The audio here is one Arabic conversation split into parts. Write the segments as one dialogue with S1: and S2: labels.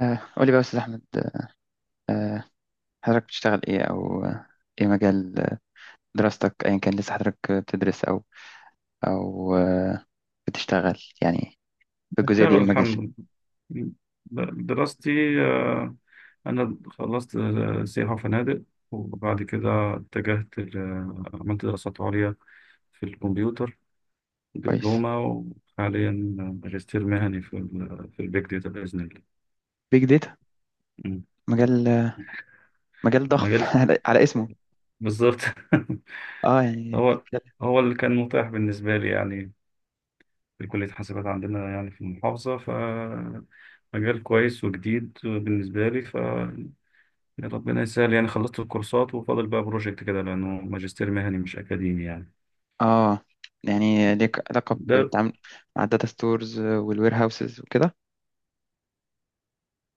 S1: قولي بقى يا أستاذ أحمد. آه، حضرتك بتشتغل إيه، أو إيه مجال دراستك، أيا كان؟ لسه حضرتك بتدرس، أو أو آه، بتشتغل يعني في الجزئية دي؟ إيه
S2: بشتغل
S1: المجال؟
S2: الحمد لله. دراستي، آه، أنا خلصت سياحة وفنادق، وبعد كده اتجهت عملت دراسات عليا في الكمبيوتر،
S1: كويس.
S2: دبلومة. وحاليا ماجستير مهني في البيج داتا بإذن الله.
S1: بيج داتا.
S2: م.
S1: مجال آه، مجال ضخم
S2: مجال
S1: على اسمه.
S2: بالظبط.
S1: اه يعني
S2: هو
S1: بتتكلم.
S2: هو اللي كان متاح بالنسبة لي يعني، في كلية حاسبات عندنا يعني في المحافظة، ف مجال كويس وجديد بالنسبة لي. يا ربنا يسهل. يعني خلصت الكورسات وفاضل بقى بروجكت كده، لأنه ماجستير مهني مش أكاديمي يعني.
S1: اه يعني ليك علاقة
S2: ده
S1: بالتعامل مع الداتا ستورز والوير هاوسز وكده.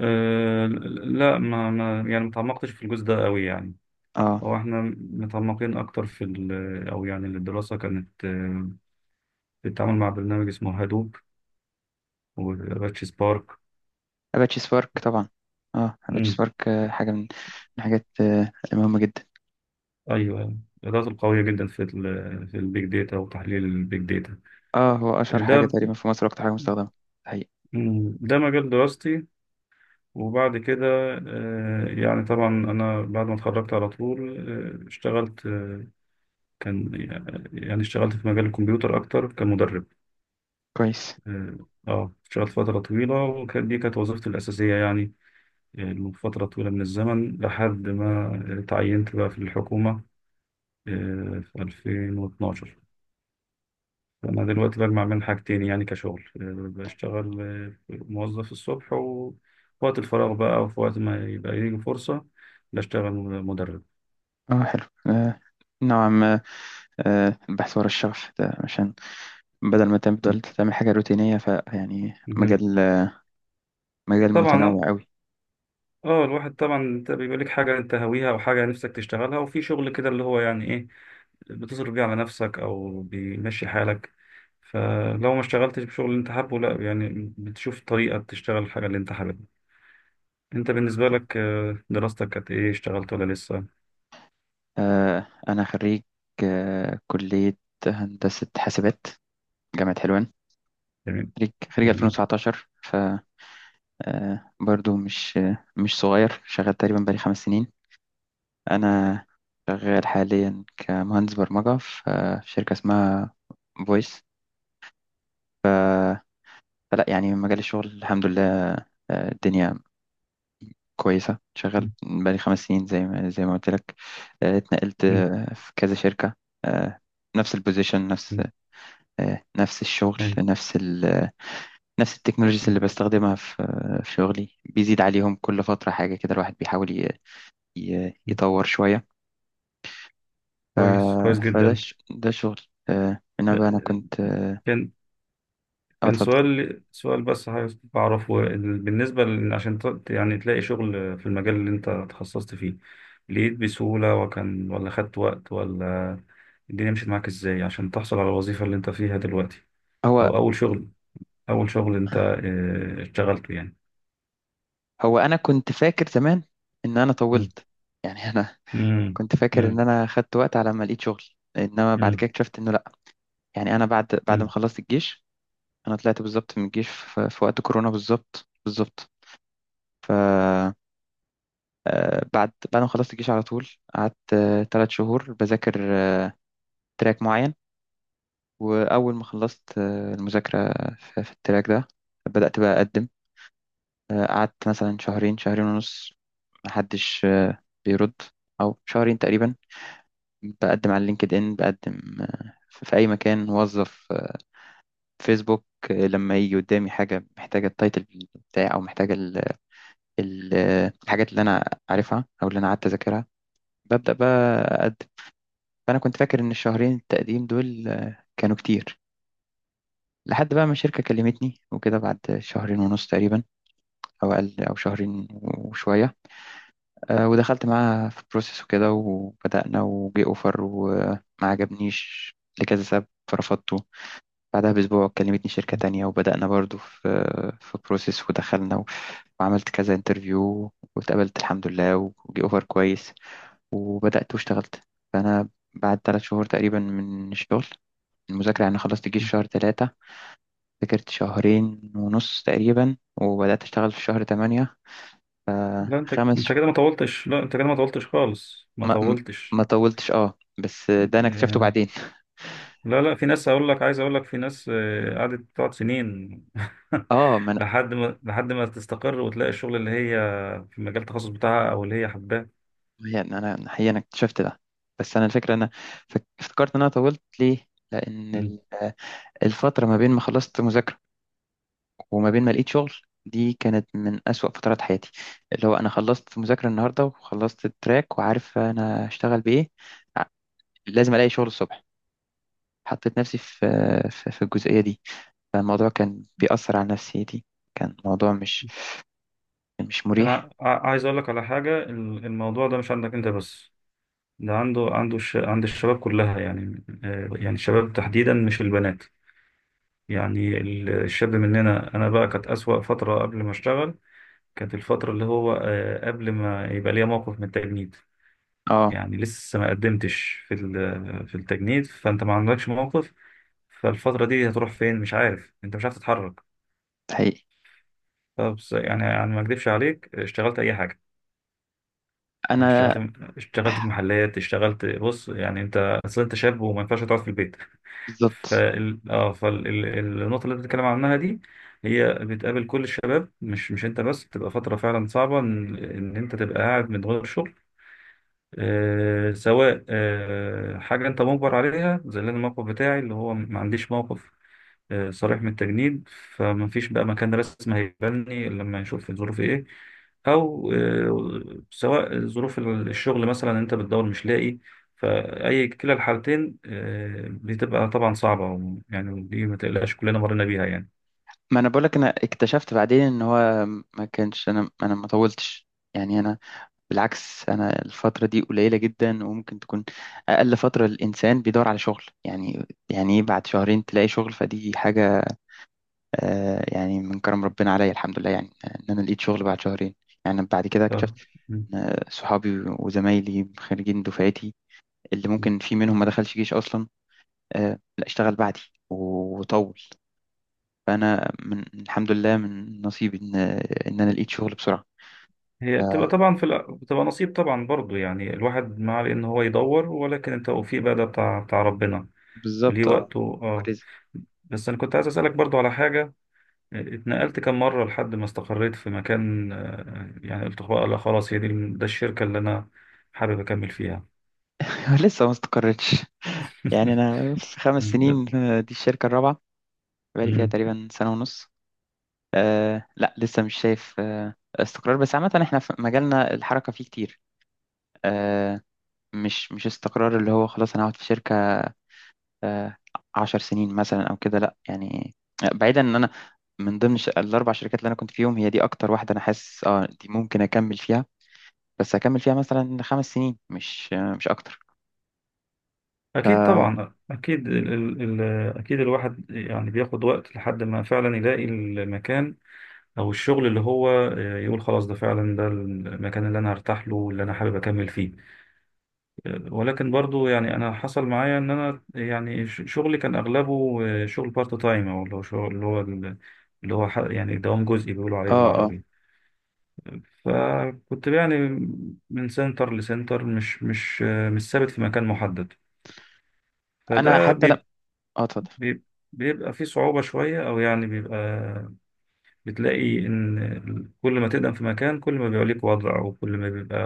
S2: آه لا، ما يعني ما تعمقتش في الجزء ده قوي يعني.
S1: اه،
S2: هو احنا متعمقين أكتر أو يعني الدراسة كانت، بتتعامل مع برنامج اسمه هادوب وأباتشي سبارك.
S1: أباتشي سبارك طبعا. اه، أباتشي
S2: مم.
S1: سبارك حاجة من الحاجات المهمة جدا.
S2: أيوه، الإدارات القوية جدا في البيج داتا وتحليل البيج داتا.
S1: اه، هو أشهر حاجة
S2: ده
S1: تقريبا في مصر وأكتر حاجة مستخدمة.
S2: مم. ده مجال دراستي. وبعد كده يعني طبعا، أنا بعد ما اتخرجت على طول اشتغلت. آه، كان يعني اشتغلت في مجال الكمبيوتر أكتر كمدرب.
S1: كويس.
S2: اه، اشتغلت فترة طويلة، دي كانت وظيفتي الأساسية يعني، فترة طويلة من الزمن، لحد ما تعينت بقى في الحكومة في 2012. أنا دلوقتي بجمع بين حاجتين، يعني كشغل بشتغل موظف الصبح، وفي وقت الفراغ بقى، وفي وقت ما يبقى يجي فرصة، بشتغل مدرب.
S1: اه، حلو. آه، نوعا ما. البحث ورا الشغف ده، عشان بدل ما تفضل تعمل حاجة روتينية، فيعني
S2: مهم.
S1: مجال متنوع
S2: طبعا،
S1: قوي.
S2: اه الواحد طبعا انت بيبقى لك حاجه انت هاويها او حاجه نفسك تشتغلها، وفي شغل كده اللي هو يعني ايه، بتصرف بيه على نفسك او بيمشي حالك. فلو ما اشتغلتش بشغل اللي انت حابه، لا يعني بتشوف طريقه تشتغل الحاجه اللي انت حاببها. انت بالنسبه لك دراستك كانت ايه؟ اشتغلت ولا لسه؟
S1: آه، أنا خريج كلية هندسة حاسبات، جامعة حلوان.
S2: جميل.
S1: خريج
S2: جميل.
S1: 2019. ف آه برضو مش صغير، شغال تقريبا بقالي 5 سنين. أنا شغال حاليا كمهندس برمجة في في شركة اسمها فويس. فلا يعني مجال الشغل الحمد لله الدنيا كويسة. شغال
S2: مم.
S1: بقالي 5 سنين، زي ما قلت لك. اتنقلت في كذا شركة، آه، نفس البوزيشن، نفس
S2: مم.
S1: آه، نفس الشغل،
S2: أيوة.
S1: نفس التكنولوجيز
S2: مم.
S1: اللي بستخدمها في في شغلي، بيزيد عليهم كل فترة حاجة كده. الواحد بيحاول
S2: مم.
S1: يطور شوية.
S2: كويس، كويس
S1: فده
S2: جدا.
S1: ده شغل. انما بقى انا
S2: ده-
S1: كنت...
S2: كان كان
S1: اتفضل.
S2: سؤال بس عايز أعرفه، بالنسبة عشان يعني تلاقي شغل في المجال اللي أنت تخصصت فيه، لقيت بسهولة وكان، ولا خدت وقت، ولا الدنيا مشيت معاك إزاي عشان تحصل على الوظيفة اللي أنت فيها دلوقتي؟
S1: هو
S2: أو أول شغل، أول شغل أنت اشتغلته يعني.
S1: هو انا كنت فاكر زمان ان انا
S2: مم.
S1: طولت. يعني انا
S2: مم.
S1: كنت فاكر ان
S2: مم.
S1: انا خدت وقت على ما لقيت شغل، انما بعد
S2: مم.
S1: كده اكتشفت انه يعني انا بعد ما
S2: مم.
S1: خلصت الجيش. انا طلعت بالظبط من الجيش في وقت كورونا، بالظبط بالظبط. ف آه، بعد ما خلصت الجيش على طول قعدت 3 شهور بذاكر تراك معين. واول ما خلصت المذاكره في التراك ده، بدات بقى اقدم. قعدت مثلا شهرين، شهرين ونص محدش بيرد، او شهرين تقريبا. بقدم على لينكد ان، بقدم في اي مكان، موظف فيسبوك. لما يجي قدامي حاجة محتاجة التايتل بتاعي، أو محتاجة ال ال الحاجات اللي أنا عارفها أو اللي أنا قعدت أذاكرها، ببدأ بقى أقدم. فأنا كنت فاكر إن الشهرين التقديم دول كانوا كتير، لحد بقى ما الشركة كلمتني وكده بعد شهرين ونص تقريبا، أو أقل، أو شهرين وشوية. ودخلت معاها في بروسيس وكده، وبدأنا، وجي أوفر، وما عجبنيش لكذا سبب فرفضت. بعدها بأسبوع كلمتني شركة تانية، وبدأنا برضو في بروسيس، ودخلنا، وعملت كذا انترفيو واتقبلت الحمد لله، وجي اوفر كويس، وبدأت واشتغلت. فأنا بعد 3 شهور تقريبا من الشغل المذاكرة يعني، خلصت الجيش شهر ثلاثة، ذاكرت شهرين ونص تقريبا، وبدأت أشتغل في شهر تمانية. ف-
S2: لا، أنت
S1: خمس
S2: أنت
S1: ش...
S2: كده ما طولتش، لا أنت كده ما طولتش خالص، ما
S1: ما... ما
S2: طولتش.
S1: ما طولتش. اه، بس ده أنا اكتشفته
S2: آه،
S1: بعدين.
S2: لا، لا، في ناس هقول لك، عايز اقول لك، في ناس قعدت، تقعد سنين.
S1: اه، ما
S2: لحد ما تستقر وتلاقي الشغل اللي هي في مجال التخصص بتاعها او اللي هي حباه.
S1: هي إن انا حقيقة انا اكتشفت ده. بس انا الفكرة انا افتكرت ان انا طولت ليه، لان
S2: مم.
S1: الفترة ما بين ما خلصت مذاكرة وما بين ما لقيت شغل دي كانت من أسوأ فترات حياتي. اللي هو أنا خلصت مذاكرة النهاردة وخلصت التراك وعارف أنا هشتغل بإيه، لازم ألاقي شغل الصبح. حطيت نفسي في في الجزئية دي، فالموضوع كان بيأثر على نفسيتي. كان موضوع مش مريح.
S2: انا عايز اقول لك على حاجه. الموضوع ده مش عندك انت بس، ده عند الشباب كلها يعني، يعني الشباب تحديدا مش البنات. يعني الشاب مننا، انا بقى كانت اسوأ فتره قبل ما اشتغل، كانت الفتره اللي هو قبل ما يبقى ليا موقف من التجنيد.
S1: اه،
S2: يعني لسه ما قدمتش في التجنيد، فانت ما عندكش موقف، فالفترة دي هتروح فين؟ مش عارف انت، مش عارف تتحرك.
S1: حقيقي.
S2: فبص يعني، يعني ما اكذبش عليك، اشتغلت اي حاجة، يعني
S1: أنا
S2: اشتغلت في محلات، اشتغلت، بص يعني انت اصل انت شاب وما ينفعش تقعد في البيت.
S1: بالظبط.
S2: فالنقطة اللي انت بتتكلم عنها دي، هي بتقابل كل الشباب، مش انت بس. بتبقى فترة فعلا صعبة ان ان انت تبقى قاعد من غير شغل، سواء حاجة أنت مجبر عليها زي اللي أنا الموقف بتاعي، اللي هو ما عنديش موقف صريح من التجنيد، فما فيش بقى مكان رسمي هيقبلني إلا لما يشوف الظروف إيه. أو سواء ظروف الشغل، مثلا أنت بتدور مش لاقي. فأي كلا الحالتين بتبقى طبعا صعبة يعني، دي ما تقلقش، كلنا مرينا بيها يعني.
S1: ما انا بقولك انا اكتشفت بعدين ان هو ما كانش، انا ما طولتش. يعني انا، بالعكس، انا الفتره دي قليله جدا وممكن تكون اقل فتره الانسان بيدور على شغل. يعني يعني ايه بعد شهرين تلاقي شغل؟ فدي حاجه، آه، يعني من كرم ربنا عليا الحمد لله، يعني ان انا لقيت شغل بعد شهرين. يعني بعد كده اكتشفت إن صحابي وزمايلي خريجين دفعتي، اللي
S2: ف...
S1: ممكن في منهم ما دخلش جيش اصلا، آه، لا، اشتغل بعدي وطول. فانا من الحمد لله من نصيبي ان انا لقيت شغل بسرعه. ف-
S2: هي بتبقى طبعا في بتبقى نصيب طبعا برضو يعني، الواحد ما عليه ان هو يدور، ولكن التوفيق بقى ده بتاع ربنا، ليه
S1: بالظبط اه.
S2: وقته. اه،
S1: ورزق.
S2: بس انا كنت عايز اسالك برضو على حاجه. اتنقلت كم مره لحد ما استقريت في مكان؟ يعني قلت بقى لا خلاص هي دي، ده الشركه اللي انا حابب اكمل فيها؟
S1: لسه ما استقرتش. يعني انا في خمس
S2: مم.
S1: سنين دي الشركه الرابعه. بقالي فيها
S2: مم.
S1: تقريبا سنه ونص. أه، لا، لسه مش شايف استقرار. بس عامه احنا في مجالنا الحركه فيه كتير. أه، مش استقرار اللي هو خلاص انا هقعد في شركه أه 10 سنين مثلا او كده، لا يعني. بعيدا، ان انا من ضمن الاربع شركات اللي انا كنت فيهم، هي دي اكتر واحده انا حاسس اه دي ممكن اكمل فيها. بس هكمل فيها مثلا 5 سنين، مش اكتر.
S2: اكيد، طبعا اكيد، ال ال ال اكيد الواحد يعني بياخد وقت لحد ما فعلا يلاقي المكان او الشغل اللي هو يقول خلاص ده فعلا ده المكان اللي انا هرتاح له واللي انا حابب اكمل فيه. ولكن برضو يعني انا حصل معايا ان انا يعني شغلي كان اغلبه شغل بارت تايم، او اللي هو شغل اللي هو اللي هو يعني دوام جزئي بيقولوا عليه
S1: اه، اه،
S2: بالعربي. فكنت يعني من سنتر لسنتر، مش ثابت في مكان محدد.
S1: انا
S2: فده
S1: حتى لا...
S2: بيب-
S1: اه اتفضل.
S2: بيب- بيبقى فيه صعوبة شوية، او يعني بيبقى بتلاقي إن كل ما تقدم في مكان، كل ما بيبقى ليك وضع، وكل ما بيبقى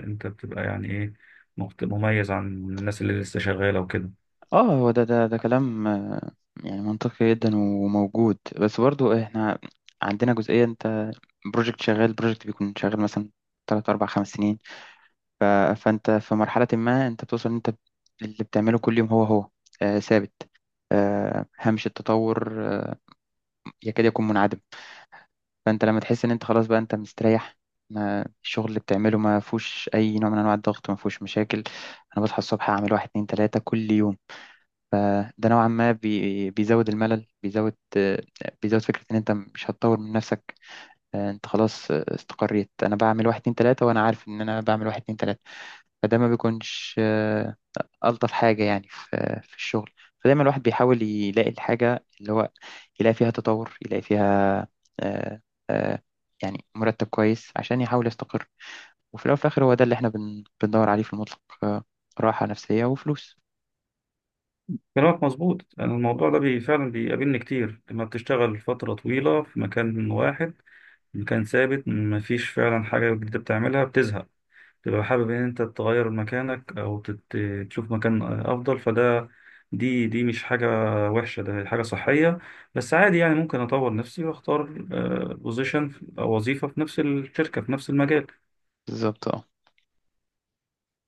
S2: أنت بتبقى يعني إيه، مميز عن الناس اللي لسه شغالة وكده.
S1: اه، هو ده كلام يعني منطقي جدا وموجود. بس برضو احنا عندنا جزئية. انت بروجكت بيكون شغال مثلا تلات، أربع، خمس سنين. ف... فأنت في مرحلة ما أنت بتوصل إن أنت اللي بتعمله كل يوم هو ثابت. هامش التطور يكاد يكون منعدم. فانت لما تحس ان انت خلاص بقى انت مستريح، ما الشغل اللي بتعمله ما فيهوش اي نوع من انواع الضغط، ما فيهوش مشاكل. انا بصحى الصبح اعمل واحد اتنين تلاته كل يوم. فده نوعا ما بيزود الملل، بيزود فكره ان انت مش هتطور من نفسك. انت خلاص استقريت. انا بعمل واحد اتنين تلاته وانا عارف ان انا بعمل واحد اتنين تلاته. فده ما بيكونش ألطف حاجة يعني في الشغل. فدايما الواحد بيحاول يلاقي الحاجة اللي هو يلاقي فيها تطور، يلاقي فيها آه، آه، يعني مرتب كويس عشان يحاول يستقر. وفي الأول وفي الآخر هو ده اللي احنا بندور عليه في المطلق، راحة نفسية وفلوس.
S2: كلامك مظبوط. أنا الموضوع ده بي فعلا بيقابلني كتير، لما بتشتغل فترة طويلة في مكان واحد، مكان ثابت، مفيش فعلا حاجة جديدة بتعملها، بتزهق، تبقى حابب ان انت تغير مكانك او تشوف مكان افضل. دي مش حاجة وحشة، ده حاجة صحية. بس عادي يعني، ممكن اطور نفسي واختار بوزيشن او وظيفة في نفس الشركة في نفس المجال.
S1: بالظبط اه.